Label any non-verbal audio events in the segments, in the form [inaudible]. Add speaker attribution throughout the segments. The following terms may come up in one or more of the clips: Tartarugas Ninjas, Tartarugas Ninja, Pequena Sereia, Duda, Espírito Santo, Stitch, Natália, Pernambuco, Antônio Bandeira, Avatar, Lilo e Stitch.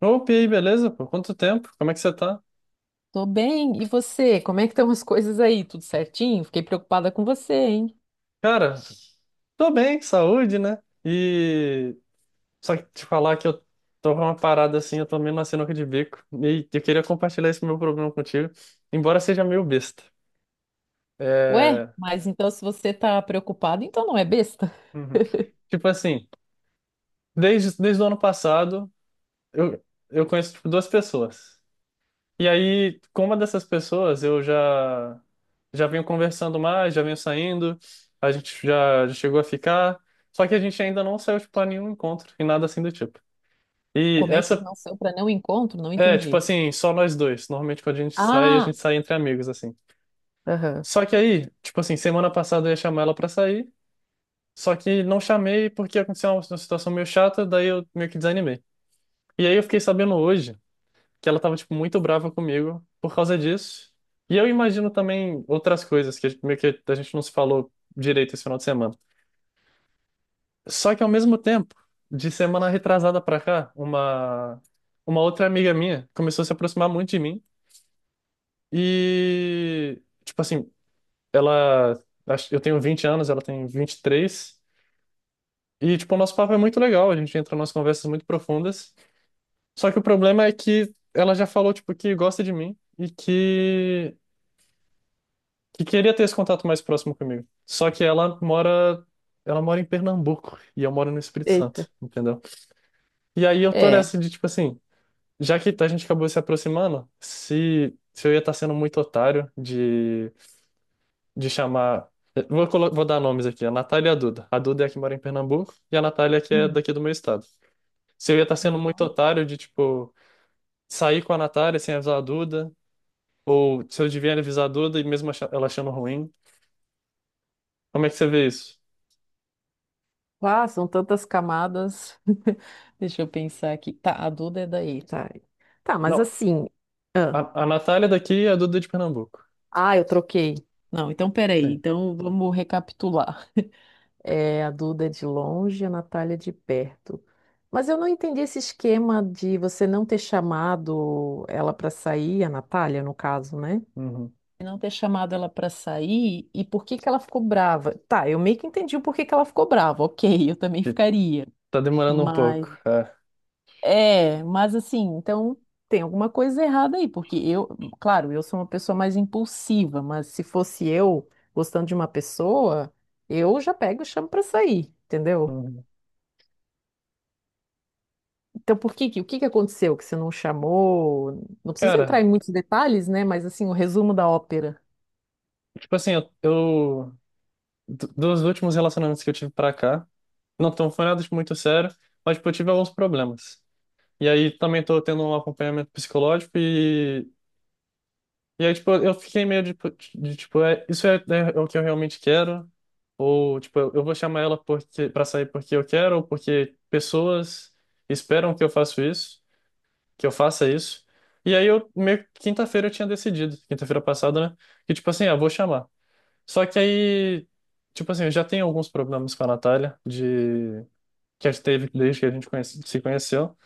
Speaker 1: Opa, e aí, beleza? Por quanto tempo? Como é que você tá?
Speaker 2: Tô bem, e você? Como é que estão as coisas aí? Tudo certinho? Fiquei preocupada com você, hein?
Speaker 1: Cara, tô bem, saúde, né? E só que te falar que eu tô com uma parada assim, eu tô meio na sinuca de bico. E eu queria compartilhar esse meu problema contigo, embora seja meio besta.
Speaker 2: Ué,
Speaker 1: É.
Speaker 2: mas então se você tá preocupado, então não é besta? [laughs]
Speaker 1: Uhum. Tipo assim, desde o ano passado, eu, eu conheço tipo, duas pessoas. E aí, com uma dessas pessoas, eu já venho conversando mais, já venho saindo, a gente já chegou a ficar, só que a gente ainda não saiu, tipo, a nenhum encontro e nada assim do tipo. E
Speaker 2: Como é que é
Speaker 1: essa
Speaker 2: não saiu para não encontro? Não
Speaker 1: É, tipo
Speaker 2: entendi.
Speaker 1: assim, só nós dois. Normalmente quando a
Speaker 2: Ah,
Speaker 1: gente sai entre amigos, assim.
Speaker 2: aham.
Speaker 1: Só que aí, tipo assim, semana passada eu ia chamar ela pra sair, só que não chamei porque aconteceu uma situação meio chata, daí eu meio que desanimei. E aí eu fiquei sabendo hoje, que ela tava, tipo, muito brava comigo por causa disso. E eu imagino também outras coisas que meio que a gente não se falou direito esse final de semana. Só que ao mesmo tempo, de semana retrasada pra cá, uma outra amiga minha começou a se aproximar muito de mim e tipo assim, ela eu tenho 20 anos, ela tem 23 e tipo o nosso papo é muito legal, a gente entra em umas conversas muito profundas. Só que o problema é que ela já falou tipo que gosta de mim e que queria ter esse contato mais próximo comigo. Só que ela mora em Pernambuco e eu moro no Espírito
Speaker 2: Eita.
Speaker 1: Santo, entendeu? E aí eu tô
Speaker 2: É.
Speaker 1: nessa de tipo assim, já que a gente acabou se aproximando, se eu ia estar sendo muito otário de chamar. Vou dar nomes aqui, a Natália e a Duda. A Duda é a que mora em Pernambuco e a Natália é que é
Speaker 2: Hum.
Speaker 1: daqui do meu estado. Se eu ia estar sendo
Speaker 2: Ah,
Speaker 1: muito otário de, tipo, sair com a Natália sem avisar a Duda, ou se eu devia avisar a Duda e mesmo ela achando ruim, como é que você vê isso?
Speaker 2: ah, são tantas camadas. [laughs] Deixa eu pensar aqui. Tá, a Duda é daí, tá? Tá, mas
Speaker 1: Não.
Speaker 2: assim. Ah,
Speaker 1: A Natália é daqui e a Duda é de Pernambuco.
Speaker 2: ah, eu troquei. Não, então peraí.
Speaker 1: Sim.
Speaker 2: Então vamos recapitular. É, a Duda é de longe, a Natália é de perto. Mas eu não entendi esse esquema de você não ter chamado ela para sair, a Natália, no caso, né?
Speaker 1: Uhum.
Speaker 2: Não ter chamado ela para sair e por que que ela ficou brava. Tá, eu meio que entendi o porquê que ela ficou brava. Ok, [laughs] eu também
Speaker 1: E
Speaker 2: ficaria.
Speaker 1: tá demorando um
Speaker 2: Mas,
Speaker 1: pouco.
Speaker 2: uhum.
Speaker 1: É.
Speaker 2: É, mas assim, então tem alguma coisa errada aí, porque claro, eu sou uma pessoa mais impulsiva, mas se fosse eu gostando de uma pessoa, eu já pego e chamo para sair, entendeu?
Speaker 1: Uhum.
Speaker 2: Então, o que que aconteceu que você não chamou? Não precisa entrar
Speaker 1: Cara,
Speaker 2: em muitos detalhes, né? Mas assim, o resumo da ópera.
Speaker 1: tipo assim, dos últimos relacionamentos que eu tive pra cá, não tão foi nada de muito sério, mas tipo, eu tive alguns problemas. E aí também tô tendo um acompanhamento psicológico e aí tipo, eu fiquei meio de tipo, isso é o que eu realmente quero ou tipo, eu vou chamar ela porque para sair porque eu quero ou porque pessoas esperam que eu faça isso. E aí eu meio que quinta-feira eu tinha decidido, quinta-feira passada, né? Que tipo assim, ah, vou chamar. Só que aí, tipo assim, eu já tenho alguns problemas com a Natália de que a gente teve desde que a gente se conheceu.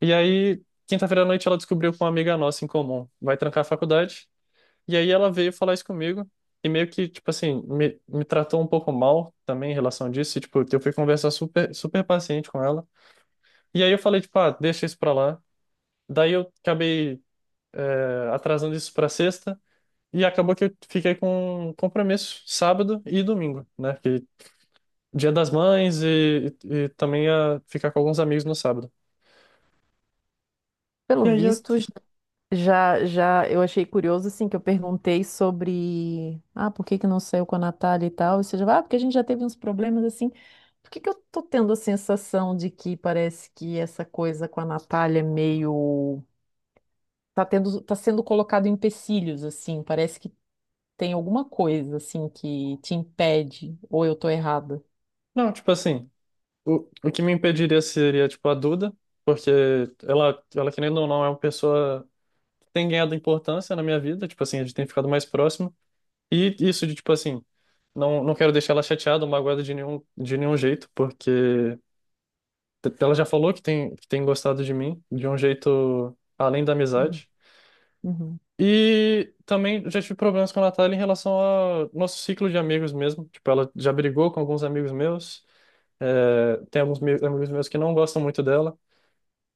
Speaker 1: E aí, quinta-feira à noite ela descobriu com uma amiga nossa em comum, vai trancar a faculdade. E aí ela veio falar isso comigo e meio que, tipo assim, me tratou um pouco mal também em relação disso. E, tipo, eu fui conversar super, super paciente com ela. E aí eu falei, tipo, ah, deixa isso pra lá. Daí eu acabei atrasando isso para sexta. E acabou que eu fiquei com compromisso sábado e domingo, né? Que Dia das Mães e também ia ficar com alguns amigos no sábado.
Speaker 2: Pelo
Speaker 1: E aí eu.
Speaker 2: visto, j- já, já eu achei curioso assim que eu perguntei sobre, ah, por que que não saiu com a Natália e tal? E você já, vai, ah, porque a gente já teve uns problemas assim. Por que que eu tô tendo a sensação de que parece que essa coisa com a Natália é meio tá tendo, tá sendo colocado em empecilhos assim, parece que tem alguma coisa assim que te impede ou eu tô errada.
Speaker 1: Não, tipo assim, o que me impediria seria, tipo, a Duda, porque ela, querendo ou não, é uma pessoa que tem ganhado importância na minha vida, tipo assim, a gente tem ficado mais próximo. E isso de, tipo assim, não quero deixar ela chateada ou magoada de nenhum jeito, porque ela já falou que tem gostado de mim de um jeito além da
Speaker 2: Uhum.
Speaker 1: amizade.
Speaker 2: Uhum.
Speaker 1: E também já tive problemas com a Natália em relação ao nosso ciclo de amigos mesmo. Tipo, ela já brigou com alguns amigos meus. É, tem alguns amigos meus que não gostam muito dela.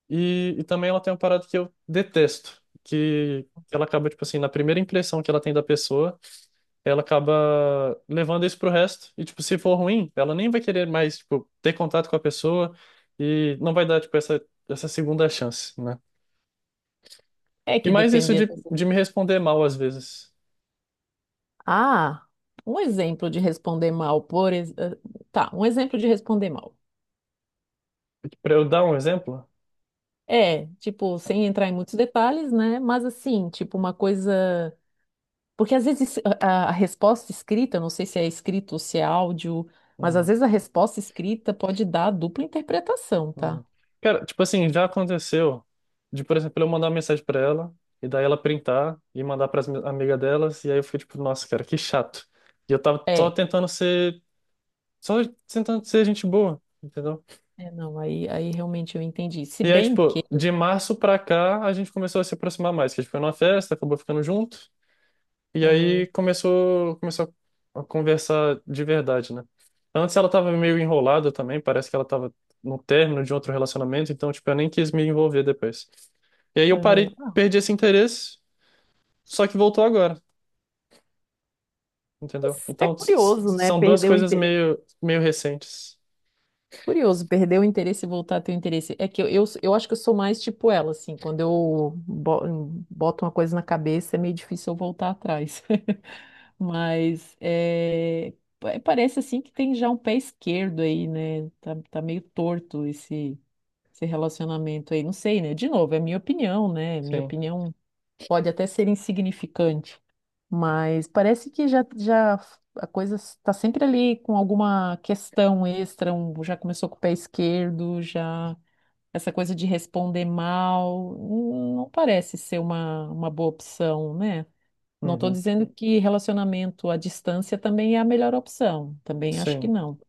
Speaker 1: E também ela tem uma parada que eu detesto, que ela acaba, tipo assim, na primeira impressão que ela tem da pessoa ela acaba levando isso pro resto. E, tipo, se for ruim, ela nem vai querer mais, tipo, ter contato com a pessoa e não vai dar, tipo, essa segunda chance, né?
Speaker 2: É
Speaker 1: E
Speaker 2: que
Speaker 1: mais isso
Speaker 2: dependendo.
Speaker 1: de me responder mal às vezes.
Speaker 2: Ah, um exemplo de responder mal, tá, um exemplo de responder mal.
Speaker 1: Pra eu dar um exemplo.
Speaker 2: É, tipo, sem entrar em muitos detalhes, né? Mas assim, tipo, uma coisa. Porque às vezes a resposta escrita, não sei se é escrito ou se é áudio, mas às
Speaker 1: Uhum.
Speaker 2: vezes a resposta escrita pode dar dupla interpretação, tá?
Speaker 1: Uhum. Cara, tipo assim, já aconteceu de, por exemplo, eu mandar uma mensagem pra ela e daí ela printar e mandar para as amigas delas e aí eu fico tipo, nossa, cara, que chato. E eu tava só
Speaker 2: É,
Speaker 1: tentando ser, só tentando ser gente boa, entendeu?
Speaker 2: é, não, aí, aí realmente eu entendi. Se
Speaker 1: E aí,
Speaker 2: bem que.
Speaker 1: tipo, de março pra cá a gente começou a se aproximar mais, que a gente foi numa festa, acabou ficando junto e aí
Speaker 2: Aham,
Speaker 1: começou a conversar de verdade, né? Antes ela tava meio enrolada também, parece que ela tava no término de outro relacionamento, então, tipo, eu nem quis me envolver depois. E aí eu parei,
Speaker 2: aham.
Speaker 1: perdi esse interesse, só que voltou agora, entendeu?
Speaker 2: Mas é
Speaker 1: Então
Speaker 2: curioso, né?
Speaker 1: são duas
Speaker 2: Perder o
Speaker 1: coisas
Speaker 2: interesse.
Speaker 1: meio, meio recentes.
Speaker 2: Curioso, perder o interesse e voltar a ter o interesse. É que eu acho que eu sou mais tipo ela, assim, quando boto uma coisa na cabeça é meio difícil eu voltar atrás. [laughs] Mas é, parece assim que tem já um pé esquerdo aí, né? Tá, tá meio torto esse relacionamento aí. Não sei, né? De novo, é minha opinião, né? Minha
Speaker 1: Sim.
Speaker 2: opinião pode até ser insignificante, mas parece que já a coisa está sempre ali com alguma questão extra, já começou com o pé esquerdo, já essa coisa de responder mal, não parece ser uma boa opção, né? Não estou
Speaker 1: Uhum.
Speaker 2: dizendo que relacionamento à distância também é a melhor opção, também acho que
Speaker 1: Sim.
Speaker 2: não.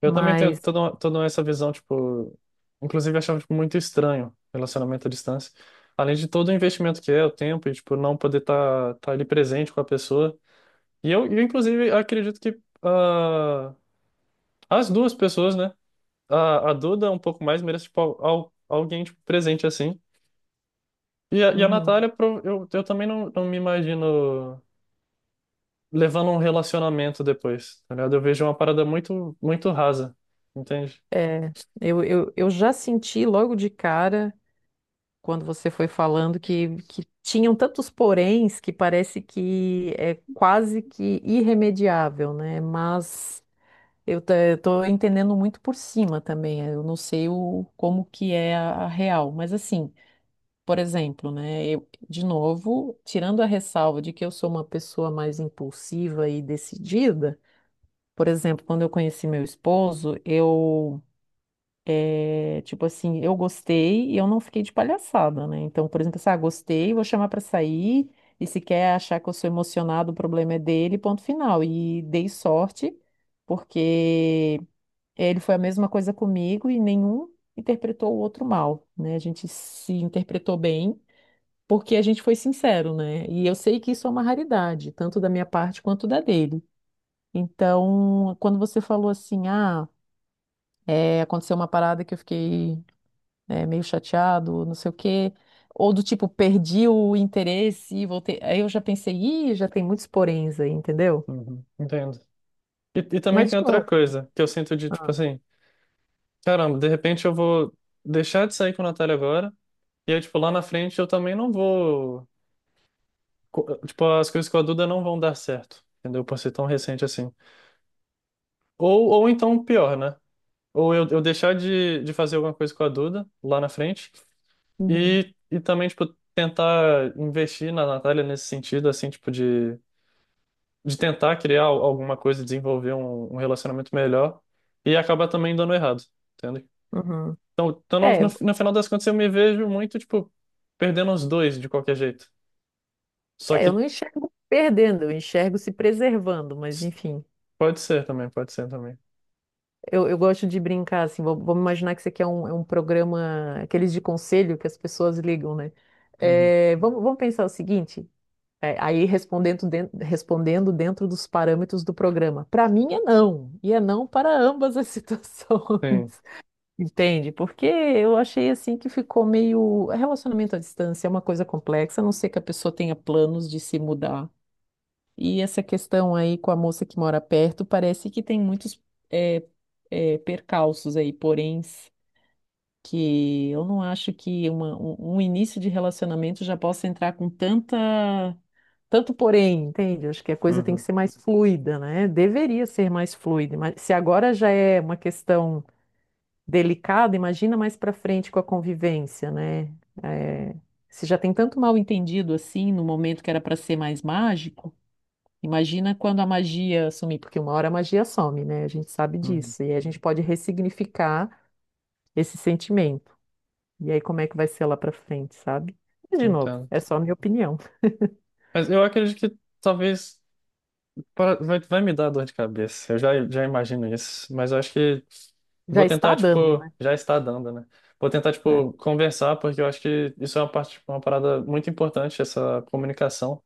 Speaker 1: Eu também tenho
Speaker 2: Mas
Speaker 1: toda essa visão, tipo, inclusive eu achava tipo, muito estranho relacionamento à distância. Além de todo o investimento que é, o tempo, e tipo, não poder tá ali presente com a pessoa. E eu inclusive, acredito que as duas pessoas, né? A Duda um pouco mais merece, tipo, alguém tipo, presente assim. E a
Speaker 2: uhum.
Speaker 1: Natália, eu também não me imagino levando um relacionamento depois, tá ligado? Eu vejo uma parada muito, muito rasa, entende?
Speaker 2: É, eu já senti logo de cara. Quando você foi falando que tinham tantos poréns que parece que é quase que irremediável, né? Mas eu estou entendendo muito por cima também. Eu não sei como que é a real, mas assim, por exemplo, né? Eu, de novo, tirando a ressalva de que eu sou uma pessoa mais impulsiva e decidida, por exemplo, quando eu conheci meu esposo, tipo assim, eu gostei e eu não fiquei de palhaçada, né? Então, por exemplo, assim, ah, gostei, vou chamar pra sair, e se quer achar que eu sou emocionado, o problema é dele, ponto final. E dei sorte, porque ele foi a mesma coisa comigo e nenhum interpretou o outro mal, né? A gente se interpretou bem, porque a gente foi sincero, né? E eu sei que isso é uma raridade, tanto da minha parte quanto da dele. Então, quando você falou assim, ah, é, aconteceu uma parada que eu fiquei né, meio chateado, não sei o quê. Ou do tipo, perdi o interesse e voltei. Aí eu já pensei, ih, já tem muitos poréns aí, entendeu?
Speaker 1: Uhum. Entendo. E também
Speaker 2: Mas
Speaker 1: tem
Speaker 2: de
Speaker 1: outra
Speaker 2: novo.
Speaker 1: coisa que eu sinto de, tipo
Speaker 2: Ah,
Speaker 1: assim, caramba, de repente eu vou deixar de sair com a Natália agora, e aí, tipo, lá na frente eu também não vou. Tipo, as coisas com a Duda não vão dar certo, entendeu? Por ser tão recente assim. Ou então pior, né? Ou eu deixar de fazer alguma coisa com a Duda lá na frente.
Speaker 2: uhum,
Speaker 1: E também, tipo, tentar investir na Natália nesse sentido, assim, tipo, de tentar criar alguma coisa, desenvolver um relacionamento melhor e acabar também dando errado, entende?
Speaker 2: uhum.
Speaker 1: Então no,
Speaker 2: É,
Speaker 1: no, no final das contas, eu me vejo muito, tipo, perdendo os dois de qualquer jeito. Só
Speaker 2: é, eu não
Speaker 1: que
Speaker 2: enxergo perdendo, eu enxergo se preservando, mas
Speaker 1: s-
Speaker 2: enfim.
Speaker 1: pode ser também, pode ser também.
Speaker 2: Eu gosto de brincar, assim, vamos imaginar que isso aqui é é um programa, aqueles de conselho que as pessoas ligam, né?
Speaker 1: Uhum.
Speaker 2: É, vamos pensar o seguinte, é, aí respondendo, respondendo dentro dos parâmetros do programa. Para mim é não, e é não para ambas as [laughs]
Speaker 1: Sim.
Speaker 2: situações, entende? Porque eu achei, assim, que ficou meio... Relacionamento à distância é uma coisa complexa, a não ser que a pessoa tenha planos de se mudar. E essa questão aí com a moça que mora perto, parece que tem muitos é, percalços aí, porém que eu não acho que um início de relacionamento já possa entrar com tanto porém, entende? Acho que a coisa tem que
Speaker 1: Uhum.
Speaker 2: ser mais fluida, né? Deveria ser mais fluida, mas se agora já é uma questão delicada, imagina mais para frente com a convivência, né? É, se já tem tanto mal entendido assim, no momento que era para ser mais mágico. Imagina quando a magia sumir, porque uma hora a magia some, né? A gente sabe
Speaker 1: Uhum.
Speaker 2: disso. E aí a gente pode ressignificar esse sentimento. E aí, como é que vai ser lá pra frente, sabe? Mas, de novo,
Speaker 1: Entendo.
Speaker 2: é só a minha opinião.
Speaker 1: Mas eu acredito que talvez. Vai me dar dor de cabeça, eu já imagino isso, mas eu acho que
Speaker 2: Já
Speaker 1: vou
Speaker 2: está
Speaker 1: tentar,
Speaker 2: dando,
Speaker 1: tipo,
Speaker 2: né?
Speaker 1: já está dando, né? Vou tentar,
Speaker 2: É.
Speaker 1: tipo, conversar, porque eu acho que isso é uma parte, tipo, uma parada muito importante, essa comunicação,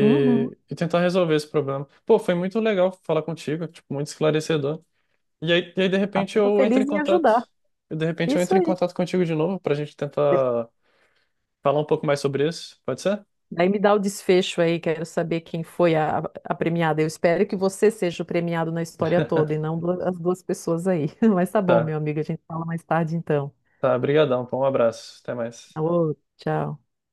Speaker 2: Uhum.
Speaker 1: e tentar resolver esse problema. Pô, foi muito legal falar contigo, tipo, muito esclarecedor. E aí, de
Speaker 2: Ah,
Speaker 1: repente,
Speaker 2: fico
Speaker 1: eu entro em
Speaker 2: feliz em
Speaker 1: contato,
Speaker 2: ajudar.
Speaker 1: e de repente eu
Speaker 2: Isso
Speaker 1: entro em
Speaker 2: aí.
Speaker 1: contato contigo de novo, pra gente
Speaker 2: De-
Speaker 1: tentar falar um pouco mais sobre isso, pode ser?
Speaker 2: Daí me dá o desfecho aí, quero saber quem foi a premiada. Eu espero que você seja o premiado na história toda e não as duas pessoas aí. [laughs] Mas tá bom, meu
Speaker 1: Tá,
Speaker 2: amigo, a gente fala mais tarde então.
Speaker 1: tá, brigadão, pô, um abraço, até mais.
Speaker 2: Alô, tchau.